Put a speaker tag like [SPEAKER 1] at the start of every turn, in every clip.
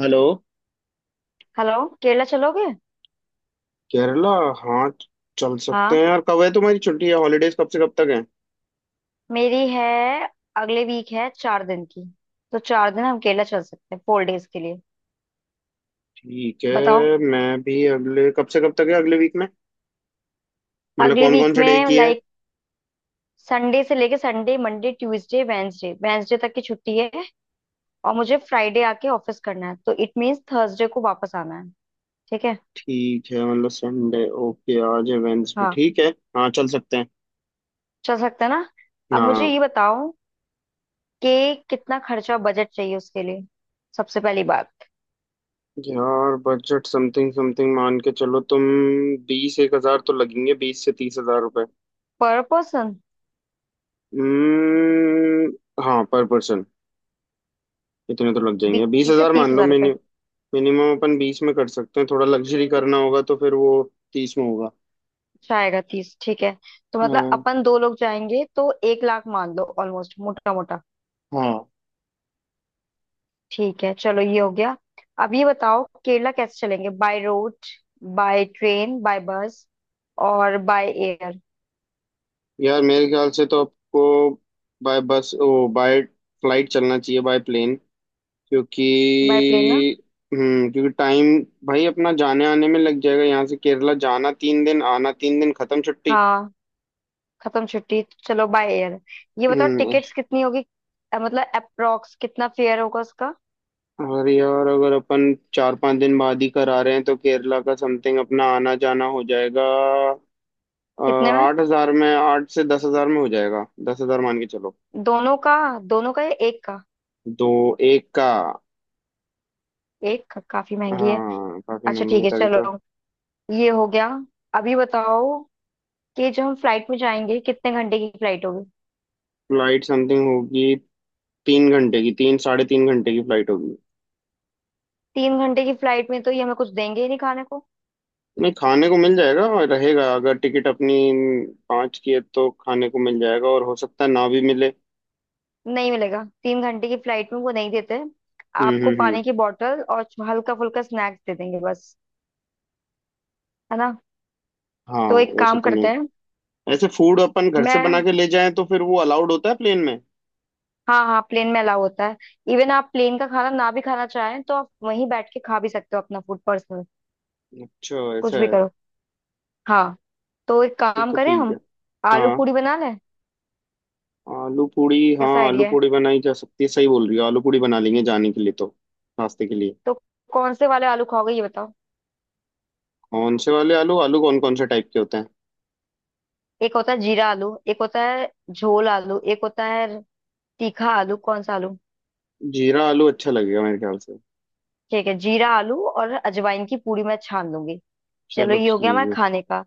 [SPEAKER 1] Hello.
[SPEAKER 2] Hello. Kerala चलोगे?
[SPEAKER 1] केरला? हाँ, चल सकते
[SPEAKER 2] हाँ,
[SPEAKER 1] हैं यार। कब है तुम्हारी छुट्टी, है हॉलीडेज कब से कब तक है?
[SPEAKER 2] मेरी है। अगले वीक है, 4 दिन की। तो 4 दिन हम केरला चल सकते हैं 4 डेज के लिए।
[SPEAKER 1] ठीक
[SPEAKER 2] बताओ।
[SPEAKER 1] है, मैं भी अगले, कब से कब तक है अगले वीक में? मतलब
[SPEAKER 2] अगले
[SPEAKER 1] कौन
[SPEAKER 2] वीक
[SPEAKER 1] कौन से डे
[SPEAKER 2] में
[SPEAKER 1] की है?
[SPEAKER 2] लाइक संडे से लेके Sunday, Monday, Tuesday, Wednesday Wednesday तक की छुट्टी है। और मुझे फ्राइडे आके ऑफिस करना है, तो इट मीन्स थर्सडे को वापस आना है। ठीक है।
[SPEAKER 1] ठीक है मतलब संडे, ओके आज है वेंसडे,
[SPEAKER 2] हाँ,
[SPEAKER 1] ठीक है। हाँ, चल सकते हैं।
[SPEAKER 2] चल सकते हैं ना। अब मुझे
[SPEAKER 1] हाँ।
[SPEAKER 2] ये बताओ कि कितना खर्चा बजट चाहिए उसके लिए। सबसे पहली बात।
[SPEAKER 1] यार बजट समथिंग समथिंग मान के चलो तुम। बीस एक हजार तो लगेंगे, 20 से 30 हजार रुपए।
[SPEAKER 2] पर पर्सन।
[SPEAKER 1] हम्म। हाँ, पर पर्सन। इतने तो लग जाएंगे, बीस
[SPEAKER 2] बीस से
[SPEAKER 1] हजार मान
[SPEAKER 2] तीस
[SPEAKER 1] लो,
[SPEAKER 2] हजार
[SPEAKER 1] मिनिमम अपन 20 में कर सकते हैं, थोड़ा लग्जरी करना होगा तो फिर वो 30 में होगा।
[SPEAKER 2] जाएगा 30, ठीक है। तो मतलब
[SPEAKER 1] हाँ।
[SPEAKER 2] अपन दो लोग जाएंगे तो 1 लाख मान लो, ऑलमोस्ट मोटा मोटा।
[SPEAKER 1] हाँ।
[SPEAKER 2] ठीक है, चलो, ये हो गया। अब ये बताओ केरला कैसे चलेंगे? By road, by train, by bus और बाय एयर।
[SPEAKER 1] यार मेरे ख्याल से तो आपको by bus or by flight चलना चाहिए, बाय प्लेन। क्योंकि,
[SPEAKER 2] बाय प्लेन ना?
[SPEAKER 1] हम्म, क्योंकि टाइम भाई अपना जाने आने में लग जाएगा। यहाँ से केरला जाना तीन दिन, आना तीन दिन, खत्म छुट्टी।
[SPEAKER 2] हाँ। खत्म छुट्टी। चलो बाय एयर। ये बताओ
[SPEAKER 1] हम्म।
[SPEAKER 2] टिकट्स कितनी होगी। मतलब अप्रोक्स कितना फेयर होगा उसका।
[SPEAKER 1] और यार, अगर अपन चार पांच दिन बाद ही करा रहे हैं तो केरला का समथिंग अपना आना जाना हो जाएगा
[SPEAKER 2] कितने में?
[SPEAKER 1] 8 हजार में, 8 से 10 हजार में हो जाएगा, 10 हजार मान के चलो।
[SPEAKER 2] दोनों का? दोनों का या एक का?
[SPEAKER 1] दो, एक का।
[SPEAKER 2] एक का काफी महंगी है।
[SPEAKER 1] हाँ, काफी
[SPEAKER 2] अच्छा,
[SPEAKER 1] महंगी
[SPEAKER 2] ठीक
[SPEAKER 1] है,
[SPEAKER 2] है,
[SPEAKER 1] तभी तो।
[SPEAKER 2] चलो, ये हो गया। अभी बताओ कि जो हम फ्लाइट में जाएंगे कितने घंटे की फ्लाइट होगी।
[SPEAKER 1] फ्लाइट समथिंग होगी, तीन घंटे की, तीन साढ़े तीन घंटे की फ्लाइट होगी।
[SPEAKER 2] 3 घंटे की फ्लाइट में तो ये हमें कुछ देंगे ही नहीं खाने को।
[SPEAKER 1] नहीं, खाने को मिल जाएगा, और रहेगा अगर टिकट अपनी पाँच की है तो खाने को मिल जाएगा, और हो सकता है ना भी मिले।
[SPEAKER 2] नहीं मिलेगा 3 घंटे की फ्लाइट में, वो नहीं देते।
[SPEAKER 1] हम्म,
[SPEAKER 2] आपको
[SPEAKER 1] हम्म, हम्म।
[SPEAKER 2] पानी की बोतल और हल्का फुल्का स्नैक्स दे देंगे बस। है ना?
[SPEAKER 1] हाँ।
[SPEAKER 2] तो एक
[SPEAKER 1] वैसे
[SPEAKER 2] काम
[SPEAKER 1] तो
[SPEAKER 2] करते
[SPEAKER 1] नहीं,
[SPEAKER 2] हैं।
[SPEAKER 1] ऐसे फूड अपन घर से बना
[SPEAKER 2] मैं
[SPEAKER 1] के ले जाएं तो फिर वो अलाउड होता है प्लेन में?
[SPEAKER 2] हाँ हाँ, प्लेन में अलाउ होता है। इवन आप प्लेन का खाना ना भी खाना चाहें तो आप वहीं बैठ के खा भी सकते हो अपना फूड पर्सनल।
[SPEAKER 1] अच्छा,
[SPEAKER 2] कुछ
[SPEAKER 1] ऐसा
[SPEAKER 2] भी
[SPEAKER 1] है।
[SPEAKER 2] करो। हाँ। तो एक
[SPEAKER 1] फिर
[SPEAKER 2] काम
[SPEAKER 1] तो
[SPEAKER 2] करें
[SPEAKER 1] ठीक है।
[SPEAKER 2] हम, आलू
[SPEAKER 1] हाँ,
[SPEAKER 2] पूरी बना लें।
[SPEAKER 1] आलू पूड़ी, हाँ
[SPEAKER 2] कैसा
[SPEAKER 1] आलू
[SPEAKER 2] आइडिया है?
[SPEAKER 1] पूड़ी बनाई जा सकती है, सही बोल रही हो, आलू पूड़ी बना लेंगे जाने के लिए, तो नाश्ते के लिए।
[SPEAKER 2] तो कौन से वाले आलू खाओगे ये बताओ।
[SPEAKER 1] कौन से वाले आलू, आलू कौन कौन से टाइप के होते हैं?
[SPEAKER 2] एक होता है जीरा आलू, एक होता है झोल आलू, एक होता है तीखा आलू। कौन सा आलू?
[SPEAKER 1] जीरा आलू अच्छा लगेगा मेरे ख्याल से।
[SPEAKER 2] ठीक है, जीरा आलू और अजवाइन की पूरी मैं छान लूंगी। चलो
[SPEAKER 1] चलो
[SPEAKER 2] ये हो
[SPEAKER 1] ठीक
[SPEAKER 2] गया हमारे
[SPEAKER 1] है।
[SPEAKER 2] खाने का।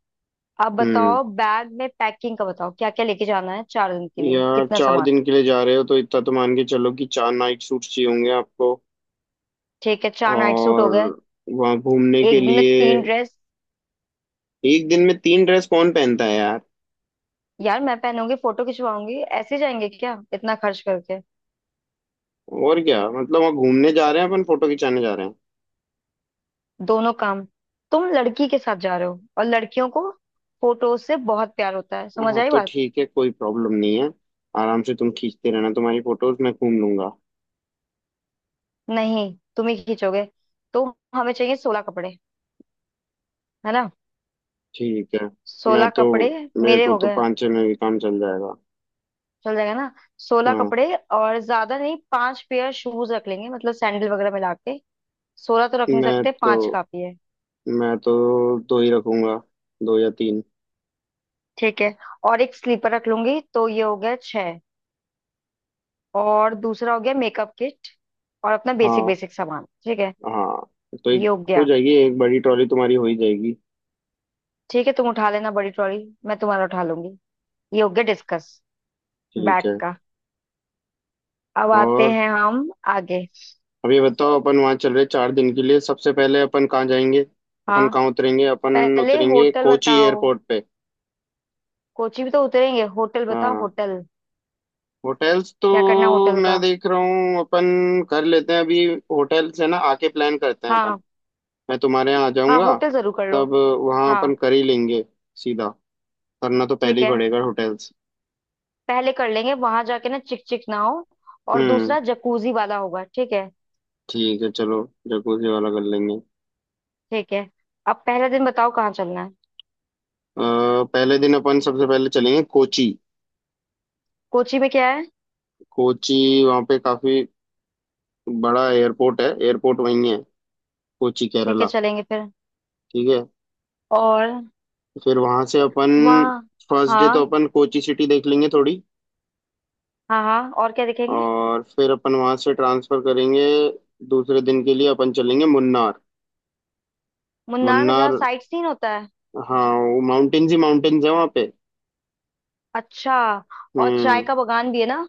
[SPEAKER 2] अब
[SPEAKER 1] हम्म।
[SPEAKER 2] बताओ बैग में पैकिंग का, बताओ क्या क्या लेके जाना है 4 दिन के लिए,
[SPEAKER 1] यार
[SPEAKER 2] कितना
[SPEAKER 1] चार
[SPEAKER 2] सामान।
[SPEAKER 1] दिन के लिए जा रहे हो तो इतना तो मान के चलो कि चार नाइट सूट्स चाहिए होंगे आपको।
[SPEAKER 2] ठीक है, चार नाइट सूट
[SPEAKER 1] और
[SPEAKER 2] हो गए।
[SPEAKER 1] वहाँ घूमने के
[SPEAKER 2] एक दिन में
[SPEAKER 1] लिए,
[SPEAKER 2] तीन ड्रेस।
[SPEAKER 1] एक दिन में तीन ड्रेस कौन पहनता है यार?
[SPEAKER 2] यार मैं पहनूंगी, फोटो खिंचवाऊंगी, ऐसे जाएंगे क्या इतना खर्च करके।
[SPEAKER 1] और क्या मतलब, वहाँ घूमने जा रहे हैं अपन, फोटो खिंचाने जा रहे हैं?
[SPEAKER 2] दोनों काम। तुम लड़की के साथ जा रहे हो और लड़कियों को फोटो से बहुत प्यार होता है, समझ
[SPEAKER 1] हाँ
[SPEAKER 2] आई
[SPEAKER 1] तो
[SPEAKER 2] बात।
[SPEAKER 1] ठीक है, कोई प्रॉब्लम नहीं है। आराम से तुम खींचते रहना तुम्हारी फोटोज, मैं घूम लूंगा।
[SPEAKER 2] नहीं, तुम ही खींचोगे। तो हमें चाहिए 16 कपड़े, है ना,
[SPEAKER 1] ठीक है। मैं
[SPEAKER 2] सोलह
[SPEAKER 1] तो,
[SPEAKER 2] कपड़े
[SPEAKER 1] मेरे
[SPEAKER 2] मेरे
[SPEAKER 1] को
[SPEAKER 2] हो
[SPEAKER 1] तो
[SPEAKER 2] गए।
[SPEAKER 1] पाँच छः में भी काम चल जाएगा।
[SPEAKER 2] चल जाएगा ना। सोलह
[SPEAKER 1] हाँ।
[SPEAKER 2] कपड़े और ज्यादा नहीं, पांच पेयर शूज रख लेंगे, मतलब सैंडल वगैरह मिला के। सोलह तो रख नहीं
[SPEAKER 1] मैं
[SPEAKER 2] सकते,
[SPEAKER 1] तो
[SPEAKER 2] पांच काफी है।
[SPEAKER 1] मैं तो दो ही रखूंगा, दो या तीन।
[SPEAKER 2] ठीक है। और एक स्लीपर रख लूंगी तो ये हो गया छह। और दूसरा हो गया मेकअप किट और अपना बेसिक
[SPEAKER 1] हाँ।
[SPEAKER 2] बेसिक सामान, ठीक है।
[SPEAKER 1] हाँ तो एक,
[SPEAKER 2] ये हो
[SPEAKER 1] हो
[SPEAKER 2] गया।
[SPEAKER 1] जाएगी, एक बड़ी ट्रॉली तुम्हारी हो ही जाएगी।
[SPEAKER 2] ठीक है, तुम उठा लेना बड़ी ट्रॉली, मैं तुम्हारा उठा लूंगी। ये हो गया डिस्कस
[SPEAKER 1] ठीक
[SPEAKER 2] बैग
[SPEAKER 1] है।
[SPEAKER 2] का। अब आते
[SPEAKER 1] और
[SPEAKER 2] हैं हम आगे।
[SPEAKER 1] अब ये बताओ, अपन वहाँ चल रहे चार दिन के लिए, सबसे पहले अपन कहाँ जाएंगे? अपन
[SPEAKER 2] हाँ।
[SPEAKER 1] कहाँ उतरेंगे? अपन
[SPEAKER 2] पहले
[SPEAKER 1] उतरेंगे
[SPEAKER 2] होटल
[SPEAKER 1] कोची
[SPEAKER 2] बताओ।
[SPEAKER 1] एयरपोर्ट पे।
[SPEAKER 2] कोची भी तो उतरेंगे, होटल बताओ
[SPEAKER 1] हाँ।
[SPEAKER 2] होटल।
[SPEAKER 1] होटल्स तो
[SPEAKER 2] क्या करना है होटल
[SPEAKER 1] मैं
[SPEAKER 2] का?
[SPEAKER 1] देख रहा हूँ, अपन कर लेते हैं अभी। होटल से ना आके प्लान करते हैं अपन।
[SPEAKER 2] हाँ।
[SPEAKER 1] मैं तुम्हारे यहाँ आ
[SPEAKER 2] हाँ,
[SPEAKER 1] जाऊंगा,
[SPEAKER 2] होटल जरूर कर लो।
[SPEAKER 1] तब वहाँ अपन
[SPEAKER 2] हाँ।
[SPEAKER 1] कर ही लेंगे। सीधा करना तो पहले
[SPEAKER 2] ठीक
[SPEAKER 1] ही
[SPEAKER 2] है,
[SPEAKER 1] पड़ेगा होटल्स।
[SPEAKER 2] पहले कर लेंगे, वहां जाके ना चिक चिक ना हो। और
[SPEAKER 1] हम्म,
[SPEAKER 2] दूसरा जकूजी वाला होगा, ठीक है।
[SPEAKER 1] ठीक है चलो, जकूजी वाला कर लेंगे।
[SPEAKER 2] ठीक है। अब पहला दिन बताओ, कहाँ चलना है।
[SPEAKER 1] पहले दिन अपन सबसे पहले चलेंगे कोची।
[SPEAKER 2] कोची में क्या है?
[SPEAKER 1] कोची, वहाँ पे काफी बड़ा एयरपोर्ट है, एयरपोर्ट वहीं है, कोची
[SPEAKER 2] ठीक है,
[SPEAKER 1] केरला।
[SPEAKER 2] चलेंगे फिर।
[SPEAKER 1] ठीक है।
[SPEAKER 2] और
[SPEAKER 1] फिर वहाँ से अपन,
[SPEAKER 2] वहाँ
[SPEAKER 1] फर्स्ट डे तो
[SPEAKER 2] हाँ
[SPEAKER 1] अपन कोची सिटी देख लेंगे थोड़ी।
[SPEAKER 2] हाँ हाँ, और क्या देखेंगे?
[SPEAKER 1] और फिर अपन वहां से ट्रांसफर करेंगे, दूसरे दिन के लिए अपन चलेंगे मुन्नार।
[SPEAKER 2] मुन्नार में जहाँ
[SPEAKER 1] मुन्नार,
[SPEAKER 2] साइट सीन होता है।
[SPEAKER 1] हाँ वो माउंटेन्स ही माउंटेन्स है वहाँ पे।
[SPEAKER 2] अच्छा। और चाय
[SPEAKER 1] हम्म।
[SPEAKER 2] का बगान भी है ना?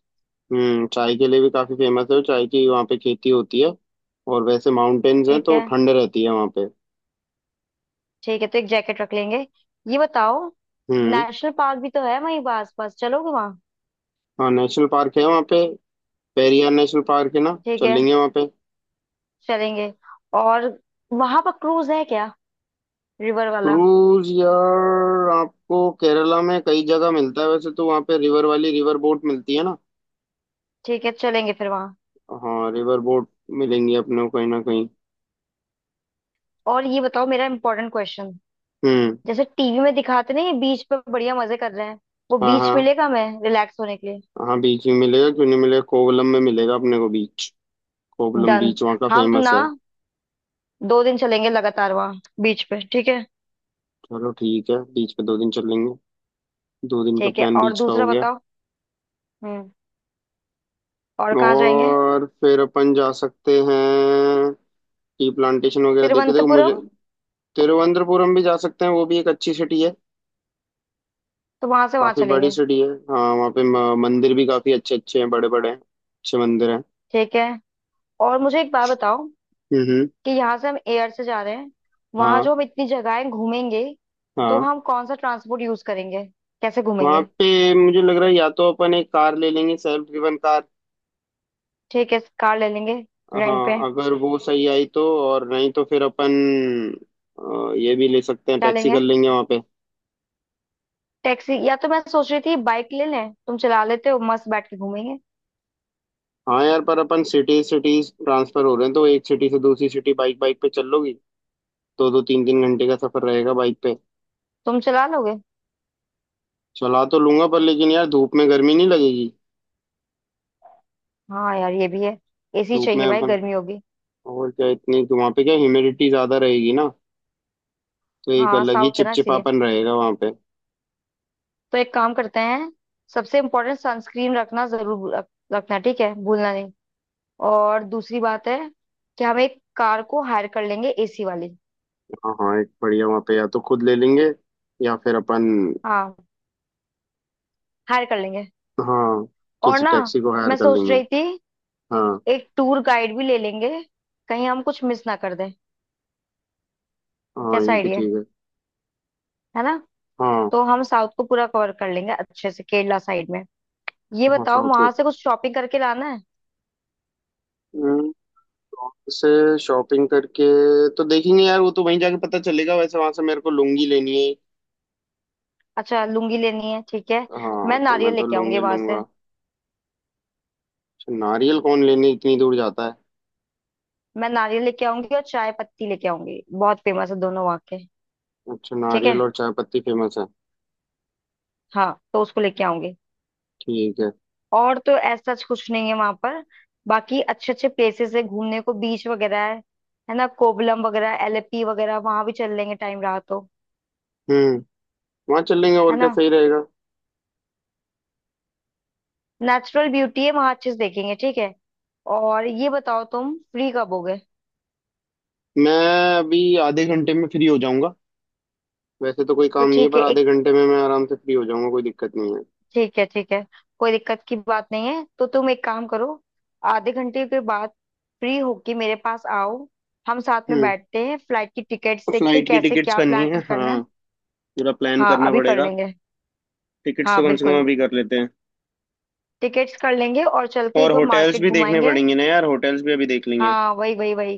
[SPEAKER 1] हम्म, चाय के लिए भी काफी फेमस है वो, चाय की वहाँ पे खेती होती है। और वैसे माउंटेन्स हैं
[SPEAKER 2] ठीक
[SPEAKER 1] तो
[SPEAKER 2] है।
[SPEAKER 1] ठंड रहती है वहाँ पे।
[SPEAKER 2] ठीक है, तो एक जैकेट रख लेंगे। ये बताओ,
[SPEAKER 1] हम्म।
[SPEAKER 2] नेशनल पार्क भी तो है वहीं, पास पास चलोगे वहां?
[SPEAKER 1] हाँ, नेशनल पार्क है वहाँ पे, पेरियार नेशनल पार्क है ना,
[SPEAKER 2] ठीक है,
[SPEAKER 1] चलेंगे वहाँ पे।
[SPEAKER 2] चलेंगे। और वहां पर क्रूज है क्या, रिवर वाला?
[SPEAKER 1] क्रूज? यार आपको केरला में कई जगह मिलता है, वैसे तो वहाँ पे रिवर वाली रिवर बोट मिलती है ना।
[SPEAKER 2] ठीक है, चलेंगे फिर वहां।
[SPEAKER 1] हाँ, रिवर बोट मिलेंगी अपने को कहीं ना कहीं।
[SPEAKER 2] और ये बताओ, मेरा इंपॉर्टेंट क्वेश्चन,
[SPEAKER 1] हम्म।
[SPEAKER 2] जैसे टीवी में दिखाते नहीं, बीच पर बढ़िया मजे कर रहे हैं, वो
[SPEAKER 1] हाँ, हाँ।
[SPEAKER 2] बीच मिलेगा हमें रिलैक्स होने के लिए?
[SPEAKER 1] हाँ बीच में मिलेगा, क्यों नहीं मिलेगा, कोवलम में मिलेगा अपने को बीच, कोवलम
[SPEAKER 2] डन।
[SPEAKER 1] बीच वहाँ का
[SPEAKER 2] हम
[SPEAKER 1] फेमस
[SPEAKER 2] ना
[SPEAKER 1] है।
[SPEAKER 2] 2 दिन चलेंगे लगातार वहां बीच पे, ठीक है।
[SPEAKER 1] चलो ठीक है, बीच पे दो दिन चल लेंगे, दो दिन का
[SPEAKER 2] ठीक है,
[SPEAKER 1] प्लान
[SPEAKER 2] और
[SPEAKER 1] बीच का हो
[SPEAKER 2] दूसरा
[SPEAKER 1] गया।
[SPEAKER 2] बताओ। हम्म। और कहाँ जाएंगे?
[SPEAKER 1] और फिर अपन जा सकते हैं टी प्लांटेशन वगैरह, देखे देखो मुझे
[SPEAKER 2] तिरुवनंतपुरम।
[SPEAKER 1] तिरुवनंतपुरम भी जा सकते हैं, वो भी एक अच्छी सिटी है।
[SPEAKER 2] तो वहां से वहां
[SPEAKER 1] काफी बड़ी
[SPEAKER 2] चलेंगे।
[SPEAKER 1] सिटी है, हाँ, वहाँ पे मंदिर भी काफी अच्छे अच्छे हैं, बड़े बड़े हैं, अच्छे मंदिर हैं।
[SPEAKER 2] ठीक है। और मुझे एक बात बताओ
[SPEAKER 1] हम्म,
[SPEAKER 2] कि यहाँ से हम एयर से जा रहे हैं, वहां जो
[SPEAKER 1] हाँ।
[SPEAKER 2] हम इतनी जगहें घूमेंगे, तो
[SPEAKER 1] हाँ
[SPEAKER 2] हम कौन सा ट्रांसपोर्ट यूज करेंगे, कैसे
[SPEAKER 1] वहाँ
[SPEAKER 2] घूमेंगे?
[SPEAKER 1] पे मुझे लग रहा है या तो अपन एक कार ले लेंगे, सेल्फ ड्रिवन कार।
[SPEAKER 2] ठीक है, कार ले लेंगे। रेंट पे।
[SPEAKER 1] हाँ, अगर वो सही आई तो। और नहीं तो फिर अपन, ये भी ले सकते हैं,
[SPEAKER 2] क्या
[SPEAKER 1] टैक्सी कर
[SPEAKER 2] लेंगे?
[SPEAKER 1] लेंगे वहाँ पे।
[SPEAKER 2] टैक्सी, या तो मैं सोच रही थी बाइक ले लें, तुम चला लेते हो, मस्त बैठ के घूमेंगे।
[SPEAKER 1] हाँ यार, पर अपन सिटी सिटी ट्रांसफर हो रहे हैं तो एक सिटी से दूसरी सिटी बाइक बाइक पे चल लोगी? दो दो तीन तीन घंटे का सफर रहेगा बाइक पे।
[SPEAKER 2] तुम चला लोगे?
[SPEAKER 1] चला तो लूंगा पर, लेकिन यार धूप में गर्मी नहीं लगेगी?
[SPEAKER 2] हाँ यार, ये भी है। एसी
[SPEAKER 1] धूप में
[SPEAKER 2] चाहिए भाई,
[SPEAKER 1] अपन,
[SPEAKER 2] गर्मी होगी।
[SPEAKER 1] और क्या, इतनी तो वहाँ पे क्या ह्यूमिडिटी ज्यादा रहेगी ना, तो एक
[SPEAKER 2] हाँ,
[SPEAKER 1] अलग ही
[SPEAKER 2] साउथ है ना, इसीलिए।
[SPEAKER 1] चिपचिपापन रहेगा वहाँ पे।
[SPEAKER 2] तो एक काम करते हैं। सबसे इम्पोर्टेंट सनस्क्रीन रखना, जरूर रखना, ठीक है, भूलना। और दूसरी बात है कि हम एक कार को हायर कर लेंगे, एसी वाली।
[SPEAKER 1] हाँ हाँ, एक बढ़िया वहाँ पे या तो खुद ले लेंगे, या फिर अपन,
[SPEAKER 2] हाँ, हायर कर लेंगे।
[SPEAKER 1] हाँ,
[SPEAKER 2] और
[SPEAKER 1] किसी
[SPEAKER 2] ना,
[SPEAKER 1] टैक्सी को हायर
[SPEAKER 2] मैं
[SPEAKER 1] कर
[SPEAKER 2] सोच
[SPEAKER 1] लेंगे।
[SPEAKER 2] रही थी,
[SPEAKER 1] हाँ।
[SPEAKER 2] एक टूर गाइड भी ले लेंगे, कहीं हम कुछ मिस ना कर दें।
[SPEAKER 1] हाँ,
[SPEAKER 2] कैसा
[SPEAKER 1] ये भी
[SPEAKER 2] आइडिया है?
[SPEAKER 1] ठीक है।
[SPEAKER 2] है ना?
[SPEAKER 1] हाँ।
[SPEAKER 2] तो हम साउथ को पूरा कवर कर लेंगे अच्छे से, केरला साइड में। ये
[SPEAKER 1] हाँ,
[SPEAKER 2] बताओ,
[SPEAKER 1] साउथ
[SPEAKER 2] वहां
[SPEAKER 1] लोग।
[SPEAKER 2] से कुछ शॉपिंग करके लाना है?
[SPEAKER 1] हम्म, वहाँ से शॉपिंग करके तो देखेंगे यार, वो तो वहीं जाके पता चलेगा। वैसे वहां से मेरे को लुंगी लेनी है।
[SPEAKER 2] अच्छा, लुंगी लेनी है, ठीक है।
[SPEAKER 1] हाँ
[SPEAKER 2] मैं
[SPEAKER 1] तो मैं
[SPEAKER 2] नारियल
[SPEAKER 1] तो
[SPEAKER 2] लेके आऊंगी
[SPEAKER 1] लुंगी
[SPEAKER 2] वहां से।
[SPEAKER 1] लूंगा। अच्छा, नारियल कौन लेने इतनी दूर जाता है?
[SPEAKER 2] मैं नारियल लेके आऊंगी और चाय पत्ती लेके आऊंगी, बहुत फेमस है दोनों वहां के।
[SPEAKER 1] अच्छा,
[SPEAKER 2] ठीक
[SPEAKER 1] नारियल
[SPEAKER 2] है।
[SPEAKER 1] और चाय पत्ती फेमस है।
[SPEAKER 2] हाँ, तो उसको लेके आऊंगी।
[SPEAKER 1] ठीक है।
[SPEAKER 2] और तो ऐसा कुछ नहीं है वहां पर, बाकी अच्छे अच्छे प्लेसेस है घूमने को, बीच वगैरह है ना, कोवलम वगैरह, एलेपी वगैरह वहां भी चल लेंगे टाइम रहा तो।
[SPEAKER 1] हम्म, वहाँ चल लेंगे और
[SPEAKER 2] है
[SPEAKER 1] क्या
[SPEAKER 2] ना,
[SPEAKER 1] सही रहेगा।
[SPEAKER 2] नेचुरल ब्यूटी है वहां, अच्छे से देखेंगे, ठीक है। और ये बताओ तुम फ्री कब होगे?
[SPEAKER 1] मैं अभी आधे घंटे में फ्री हो जाऊंगा। वैसे तो कोई
[SPEAKER 2] तो
[SPEAKER 1] काम नहीं है,
[SPEAKER 2] ठीक
[SPEAKER 1] पर
[SPEAKER 2] है एक।
[SPEAKER 1] आधे घंटे में मैं आराम से फ्री हो जाऊंगा, कोई दिक्कत नहीं है।
[SPEAKER 2] ठीक है, ठीक है, कोई दिक्कत की बात नहीं है तो तुम एक काम करो, आधे घंटे के बाद फ्री होके मेरे पास आओ। हम साथ में
[SPEAKER 1] हम्म,
[SPEAKER 2] बैठते हैं, फ्लाइट की टिकट्स देखते हैं
[SPEAKER 1] फ्लाइट की
[SPEAKER 2] कैसे
[SPEAKER 1] टिकट्स
[SPEAKER 2] क्या
[SPEAKER 1] करनी है,
[SPEAKER 2] प्लान करना
[SPEAKER 1] हाँ,
[SPEAKER 2] है।
[SPEAKER 1] पूरा प्लान
[SPEAKER 2] हाँ,
[SPEAKER 1] करना
[SPEAKER 2] अभी कर
[SPEAKER 1] पड़ेगा।
[SPEAKER 2] लेंगे।
[SPEAKER 1] टिकट्स
[SPEAKER 2] हाँ
[SPEAKER 1] तो कम से कम
[SPEAKER 2] बिल्कुल,
[SPEAKER 1] अभी कर लेते हैं।
[SPEAKER 2] टिकट्स कर लेंगे और चल के एक
[SPEAKER 1] और
[SPEAKER 2] बार
[SPEAKER 1] होटल्स
[SPEAKER 2] मार्केट
[SPEAKER 1] भी देखने
[SPEAKER 2] घुमाएंगे।
[SPEAKER 1] पड़ेंगे ना यार, होटल्स भी अभी देख लेंगे।
[SPEAKER 2] हाँ वही वही वही,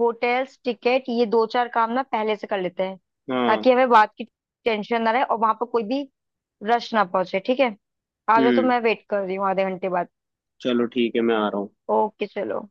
[SPEAKER 2] होटल्स टिकट ये दो चार काम ना पहले से कर लेते हैं,
[SPEAKER 1] हाँ।
[SPEAKER 2] ताकि हमें बात की टेंशन ना रहे, और वहां पर कोई भी रश ना पहुंचे, ठीक है। आ जाओ, तो
[SPEAKER 1] हम्म।
[SPEAKER 2] मैं वेट कर रही हूँ आधे घंटे बाद।
[SPEAKER 1] चलो ठीक है, मैं आ रहा हूँ।
[SPEAKER 2] ओके, चलो।